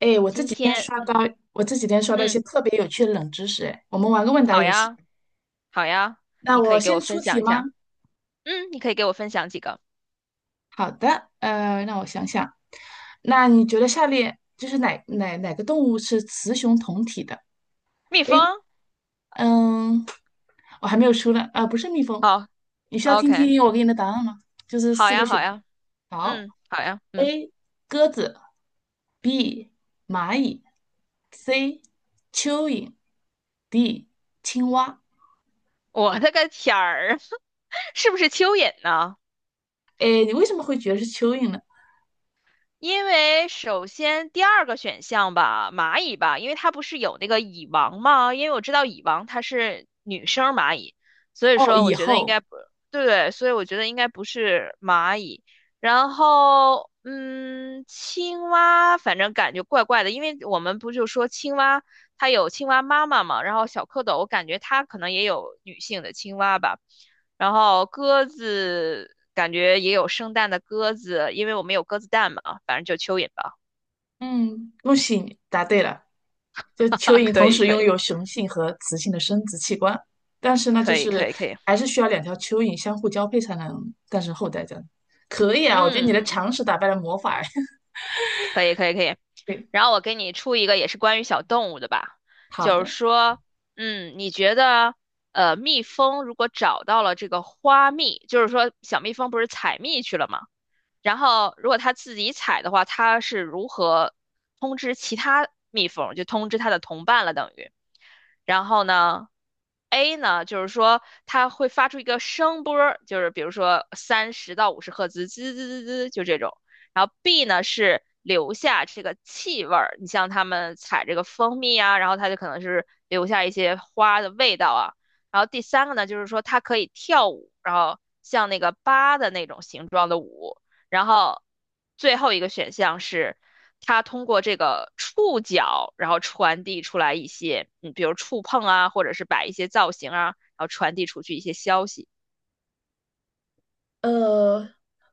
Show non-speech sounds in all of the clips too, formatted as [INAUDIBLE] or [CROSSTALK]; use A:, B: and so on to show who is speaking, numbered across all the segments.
A: 哎，我这
B: 今
A: 几天
B: 天，
A: 刷到一
B: 嗯，
A: 些特别有趣的冷知识。哎，我们玩个问答
B: 好
A: 游戏。
B: 呀，好呀，
A: 那
B: 你可
A: 我
B: 以给我
A: 先出
B: 分享
A: 题
B: 一
A: 吗？
B: 下。嗯，你可以给我分享几个
A: 好的，让我想想。那你觉得下列就是哪个动物是雌雄同体的
B: 蜜
A: ？A，
B: 蜂。
A: 嗯，我还没有出呢。啊、不是蜜蜂。
B: 好
A: 你需要听
B: ，OK，
A: 听我给你的答案吗？就是
B: 好
A: 四个
B: 呀，好
A: 选项。
B: 呀，
A: 好
B: 嗯，好呀，嗯，
A: ，A 鸽子，B 蚂蚁，C 蚯蚓，D 青蛙。
B: 我的个天儿，[LAUGHS] 是不是蚯蚓呢？
A: 哎，你为什么会觉得是蚯蚓呢？
B: 因为首先第二个选项吧，蚂蚁吧，因为它不是有那个蚁王吗？因为我知道蚁王它是女生蚂蚁，所以
A: 哦，
B: 说我
A: 以
B: 觉得应
A: 后，
B: 该不，对对，所以我觉得应该不是蚂蚁。然后，青蛙反正感觉怪怪的，因为我们不就说青蛙它有青蛙妈妈嘛，然后小蝌蚪，我感觉它可能也有女性的青蛙吧。然后鸽子感觉也有生蛋的鸽子，因为我们有鸽子蛋嘛，啊，反正就蚯蚓吧。
A: 嗯，恭喜你答对了。就
B: [LAUGHS] 哈
A: 蚯
B: 哈，
A: 蚓
B: 可
A: 同
B: 以，
A: 时
B: 可
A: 拥
B: 以，
A: 有雄性和雌性的生殖器官，但是呢，就
B: 可以，可
A: 是
B: 以，可以，
A: 还是需要两条蚯蚓相互交配才能诞生后代。这样可以啊，我觉得你的
B: 嗯，
A: 常识打败了魔法。[LAUGHS]
B: 可以，可以，可以。
A: 对，
B: 然后我给你出一个也是关于小动物的吧，
A: 好
B: 就
A: 的。
B: 是说，嗯，你觉得，蜜蜂如果找到了这个花蜜，就是说小蜜蜂不是采蜜去了吗？然后如果它自己采的话，它是如何通知其他蜜蜂，就通知它的同伴了，等于。然后呢，A 呢，就是说它会发出一个声波儿，就是比如说30到50赫兹，滋滋滋滋，就这种。然后 B 呢是留下这个气味儿，你像他们采这个蜂蜜啊，然后它就可能是留下一些花的味道啊。然后第三个呢，就是说它可以跳舞，然后像那个八的那种形状的舞。然后最后一个选项是，它通过这个触角，然后传递出来一些，嗯，比如触碰啊，或者是摆一些造型啊，然后传递出去一些消息。
A: 呃，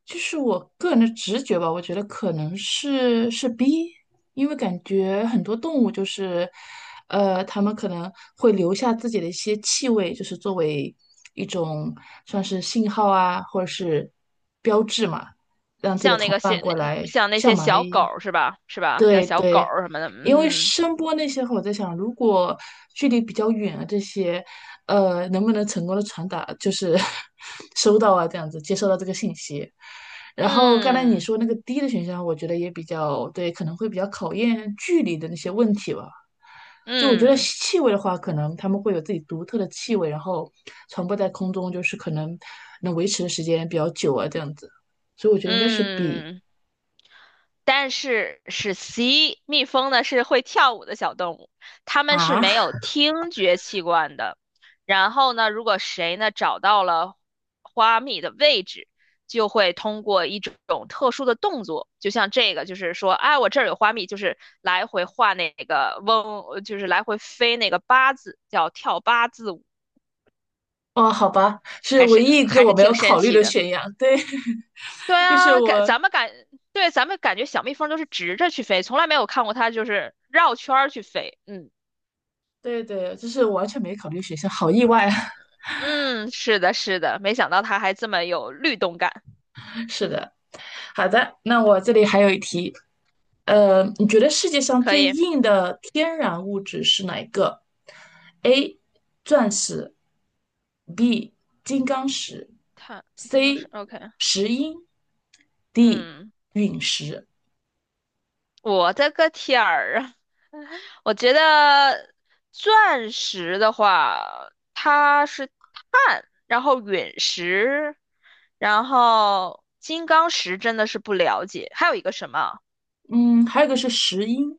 A: 就是我个人的直觉吧，我觉得可能是 B，因为感觉很多动物就是，它们可能会留下自己的一些气味，就是作为一种算是信号啊，或者是标志嘛，让自己的
B: 像那
A: 同
B: 个小
A: 伴
B: 那
A: 过
B: 那
A: 来
B: 像那
A: 像
B: 些
A: 蚂
B: 小狗
A: 蚁。
B: 儿是吧？是吧？像
A: 对
B: 小狗
A: 对，
B: 儿什么的，
A: 因为
B: 嗯
A: 声波那些话，我在想，如果距离比较远啊，这些，能不能成功的传达，就是 [LAUGHS] 收到啊，这样子接收到这个信息。然后刚才你
B: 嗯
A: 说那个低的选项，我觉得也比较对，可能会比较考验距离的那些问题吧。就我觉得
B: 嗯
A: 气味的话，可能他们会有自己独特的气味，然后传播在空中，就是可能能维持的时间比较久啊，这样子。所以我觉得应该是比
B: 嗯，但是是 C，蜜蜂呢是会跳舞的小动物，它们是
A: 啊。
B: 没有听觉器官的。然后呢，如果谁呢找到了花蜜的位置，就会通过一种特殊的动作，就像这个，就是说，哎，我这儿有花蜜，就是来回画那个嗡，就是来回飞那个八字，叫跳八字舞，
A: 哦，好吧，是
B: 还
A: 唯
B: 是
A: 一一个
B: 还
A: 我
B: 是
A: 没
B: 挺
A: 有
B: 神
A: 考虑
B: 奇
A: 的
B: 的。
A: 选项。对，
B: 对
A: [LAUGHS] 就是
B: 啊，感
A: 我，
B: 咱们感对咱们感觉小蜜蜂都是直着去飞，从来没有看过它就是绕圈儿去飞。嗯，
A: 对对，就是我完全没考虑选项，好意外啊！
B: 嗯，是的，是的，没想到它还这么有律动感，
A: [LAUGHS] 是的，好的，那我这里还有一题，你觉得世界上
B: 可
A: 最
B: 以。
A: 硬
B: 嗯，
A: 的天然物质是哪一个？A. 钻石，B. 金刚石
B: 它金刚石
A: ，C.
B: OK。
A: 石英，D.
B: 嗯，
A: 陨石。
B: 我的个天儿啊！我觉得钻石的话，它是碳，然后陨石，然后金刚石真的是不了解，还有一个什么？
A: 嗯，还有一个是石英。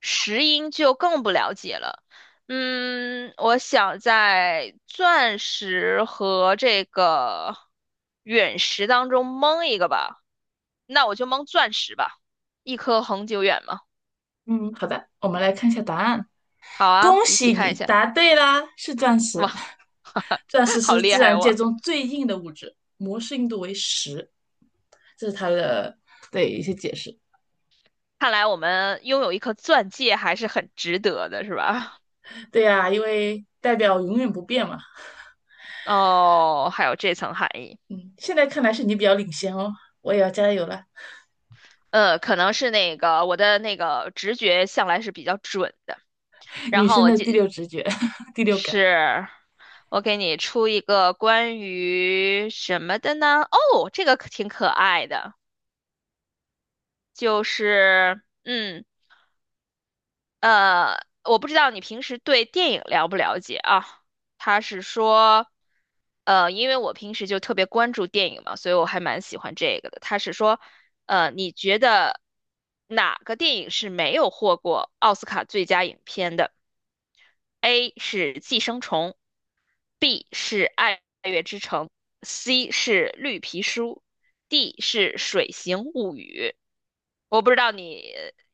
B: 石英就更不了解了。嗯，我想在钻石和这个陨石当中蒙一个吧，那我就蒙钻石吧，一颗恒久远嘛。
A: 嗯，好的，我们来看一下答案。
B: 好啊，
A: 恭
B: 一起
A: 喜
B: 看一
A: 你
B: 下。
A: 答对啦，是钻石。
B: 哇，[LAUGHS]
A: [LAUGHS] 钻石
B: 好
A: 是
B: 厉
A: 自
B: 害
A: 然界
B: 我！
A: 中最硬的物质，摩氏硬度为10。这是它的对一些解释。
B: 看来我们拥有一颗钻戒还是很值得的，是吧？
A: 对呀，因为代表永远不变嘛。
B: [LAUGHS] 哦，还有这层含义。
A: 嗯，现在看来是你比较领先哦，我也要加油了。
B: 可能是那个我的那个直觉向来是比较准的，然
A: 女
B: 后
A: 生
B: 我
A: 的
B: 就
A: 第六直觉、[LAUGHS] 第六感，
B: 是，我给你出一个关于什么的呢？哦，这个可挺可爱的，就是我不知道你平时对电影了不了解啊？他是说，因为我平时就特别关注电影嘛，所以我还蛮喜欢这个的。他是说，你觉得哪个电影是没有获过奥斯卡最佳影片的？A 是《寄生虫》，B 是爱乐之城，C 是绿皮书，D 是水形物语。我不知道你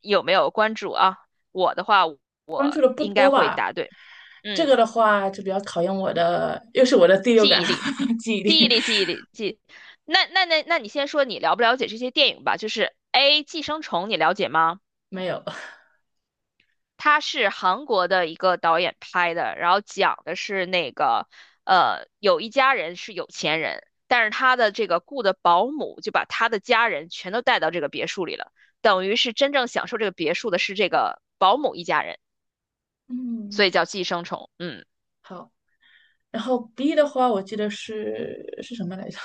B: 有没有关注啊，我的话我
A: 关注的不
B: 应该
A: 多
B: 会
A: 吧？
B: 答对。
A: 这个
B: 嗯，
A: 的话就比较考验我的，又是我的第六
B: 记
A: 感
B: 忆力，
A: [LAUGHS] 记忆
B: 记忆
A: 力
B: 力，记忆力，记。那你先说你了不了解这些电影吧？就是 A《寄生虫》，你了解吗？
A: 没有。
B: 他是韩国的一个导演拍的，然后讲的是那个，有一家人是有钱人，但是他的这个雇的保姆就把他的家人全都带到这个别墅里了，等于是真正享受这个别墅的是这个保姆一家人，所以
A: 嗯，
B: 叫寄生虫。嗯，
A: 好。然后 B 的话，我记得是什么来着？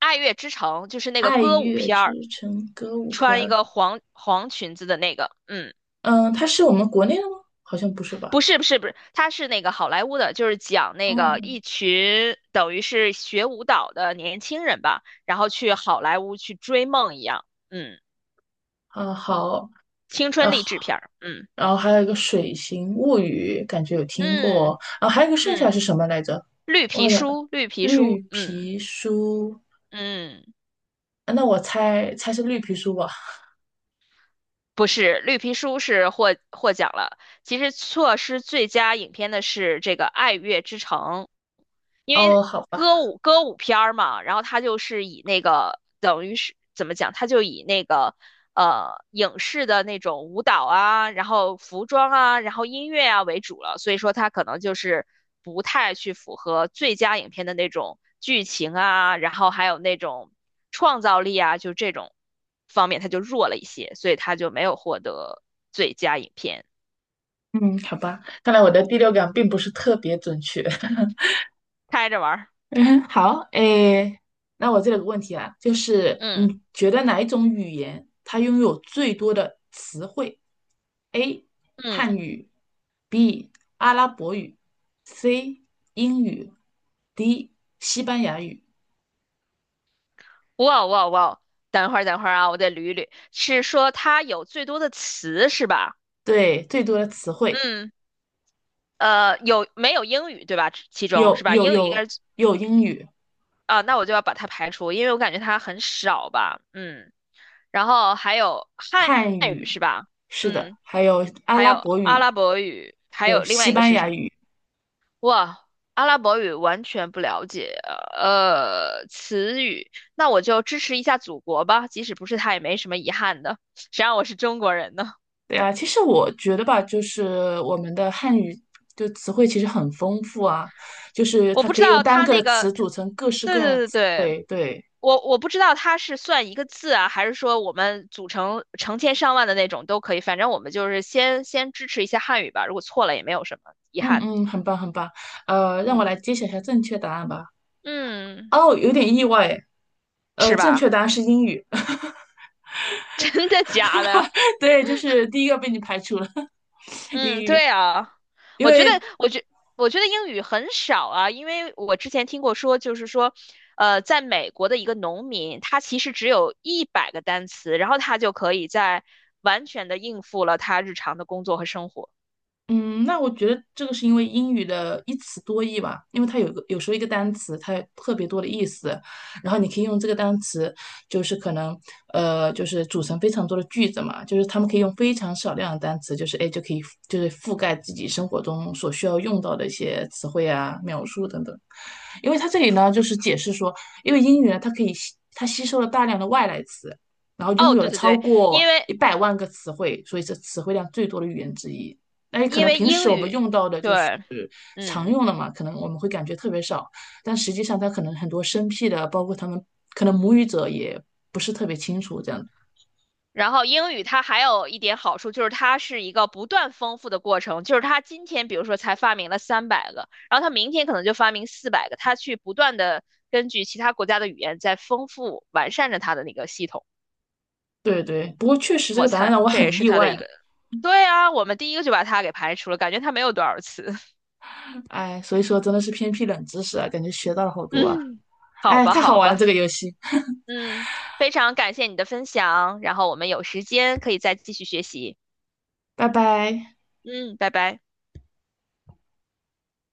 B: 《爱乐之城》就是那个
A: 《爱
B: 歌舞
A: 乐
B: 片儿，
A: 之城歌舞片》。
B: 穿一
A: 儿。
B: 个黄黄裙子的那个，嗯。
A: 嗯，它是我们国内的吗？好像不是
B: 不
A: 吧？
B: 是不是不是，他是那个好莱坞的，就是讲那个
A: 嗯
B: 一群等于是学舞蹈的年轻人吧，然后去好莱坞去追梦一样，嗯，
A: 好，
B: 青春
A: 然后
B: 励志片儿，嗯
A: 然后还有一个《水形物语》，感觉有听
B: 嗯
A: 过。然后还有一个剩下是
B: 嗯，
A: 什么来着？
B: 绿皮
A: 好像
B: 书绿皮
A: 绿
B: 书，嗯
A: 皮书。
B: 嗯，
A: 啊那我猜猜是绿皮书吧？
B: 不是绿皮书是获奖了，其实错失最佳影片的是这个《爱乐之城》，因为
A: 哦，好吧，
B: 歌舞片儿嘛，然后他就是以那个等于是怎么讲，他就以那个影视的那种舞蹈啊，然后服装啊，然后音乐啊为主了，所以说他可能就是不太去符合最佳影片的那种剧情啊，然后还有那种创造力啊，就这种方面他就弱了一些，所以他就没有获得最佳影片，
A: 嗯，好吧，看来我的第六感并不是特别准确。[LAUGHS]
B: 开着玩儿，
A: [LAUGHS] 嗯，好，诶，那我这里有个问题啊，就是
B: 嗯
A: 你觉得哪一种语言它拥有最多的词汇？A.
B: 嗯。
A: 汉语，B. 阿拉伯语，C. 英语，D. 西班牙语。
B: 哇哇哇！等会儿等会儿啊，我得捋一捋，是说它有最多的词是吧？
A: 对，最多的词汇
B: 嗯，有没有英语对吧？其中
A: 有，
B: 是吧？
A: 有，
B: 英语应
A: 有，
B: 该是
A: 有英语、
B: 啊，那我就要把它排除，因为我感觉它很少吧。嗯，然后还有汉
A: 汉
B: 语
A: 语，
B: 是吧？
A: 是的，
B: 嗯，
A: 还有阿
B: 还
A: 拉
B: 有
A: 伯
B: 阿
A: 语，
B: 拉伯语，还
A: 还有
B: 有另外
A: 西
B: 一个
A: 班
B: 是什
A: 牙
B: 么？
A: 语。
B: 哇，阿拉伯语完全不了解，词语，那我就支持一下祖国吧，即使不是他也没什么遗憾的，谁让我是中国人呢？
A: 对啊，其实我觉得吧，就是我们的汉语就词汇其实很丰富啊，就是
B: 我
A: 它
B: 不
A: 可
B: 知
A: 以用
B: 道
A: 单
B: 它
A: 个的
B: 那
A: 词
B: 个，它
A: 组成各式各
B: 对
A: 样的
B: 对对
A: 词
B: 对，
A: 汇。对，
B: 我不知道它是算一个字啊，还是说我们组成成千上万的那种都可以，反正我们就是先支持一下汉语吧，如果错了也没有什么遗
A: 嗯
B: 憾
A: 嗯，
B: 的。
A: 很棒很棒。让我
B: 嗯
A: 来揭晓一下正确答案吧。
B: 嗯，
A: 哦，有点意外诶。
B: 是
A: 正确
B: 吧？
A: 答案是英语。[LAUGHS]
B: [LAUGHS] 真的假的？
A: 对，就是第一个被你排除了 [LAUGHS]，英
B: 嗯，
A: 语，
B: 对啊，
A: 因
B: 我觉得，
A: 为
B: 我觉，我觉得英语很少啊，因为我之前听过说，就是说，在美国的一个农民，他其实只有100个单词，然后他就可以在完全的应付了他日常的工作和生活。
A: 嗯，那我觉得这个是因为英语的一词多义吧，因为它有时候一个单词它有特别多的意思，然后你可以用这个单词，就是可能就是组成非常多的句子嘛，就是他们可以用非常少量的单词，就是哎就可以就是覆盖自己生活中所需要用到的一些词汇啊、描述等等。因为它这里呢就是解释说，因为英语呢它可以它吸收了大量的外来词，然后拥
B: 哦，
A: 有
B: 对
A: 了
B: 对
A: 超
B: 对，
A: 过
B: 因为
A: 100万个词汇，所以是词汇量最多的语言之一。哎，可能平时
B: 英
A: 我们
B: 语，
A: 用到的
B: 对，
A: 就是常
B: 嗯。
A: 用的嘛，可能我们会感觉特别少，但实际上它可能很多生僻的，包括他们可能母语者也不是特别清楚这样子
B: 然后英语它还有一点好处，就是它是一个不断丰富的过程，就是它今天比如说才发明了300个，然后它明天可能就发明400个，它去不断的根据其他国家的语言在丰富完善着它的那个系统。
A: 对对，不过确实这
B: 我
A: 个答案
B: 猜
A: 让我
B: 这也
A: 很
B: 是
A: 意
B: 它的
A: 外
B: 一
A: 呢。
B: 个，对啊，我们第一个就把它给排除了，感觉它没有多少词。
A: 哎，所以说真的是偏僻冷知识啊，感觉学到了好
B: [LAUGHS]
A: 多啊。
B: 嗯，好
A: 哎，
B: 吧，
A: 太好
B: 好
A: 玩了
B: 吧，
A: 这个游戏，
B: 嗯，非常感谢你的分享，然后我们有时间可以再继续学习。
A: 拜拜。
B: 嗯，拜拜。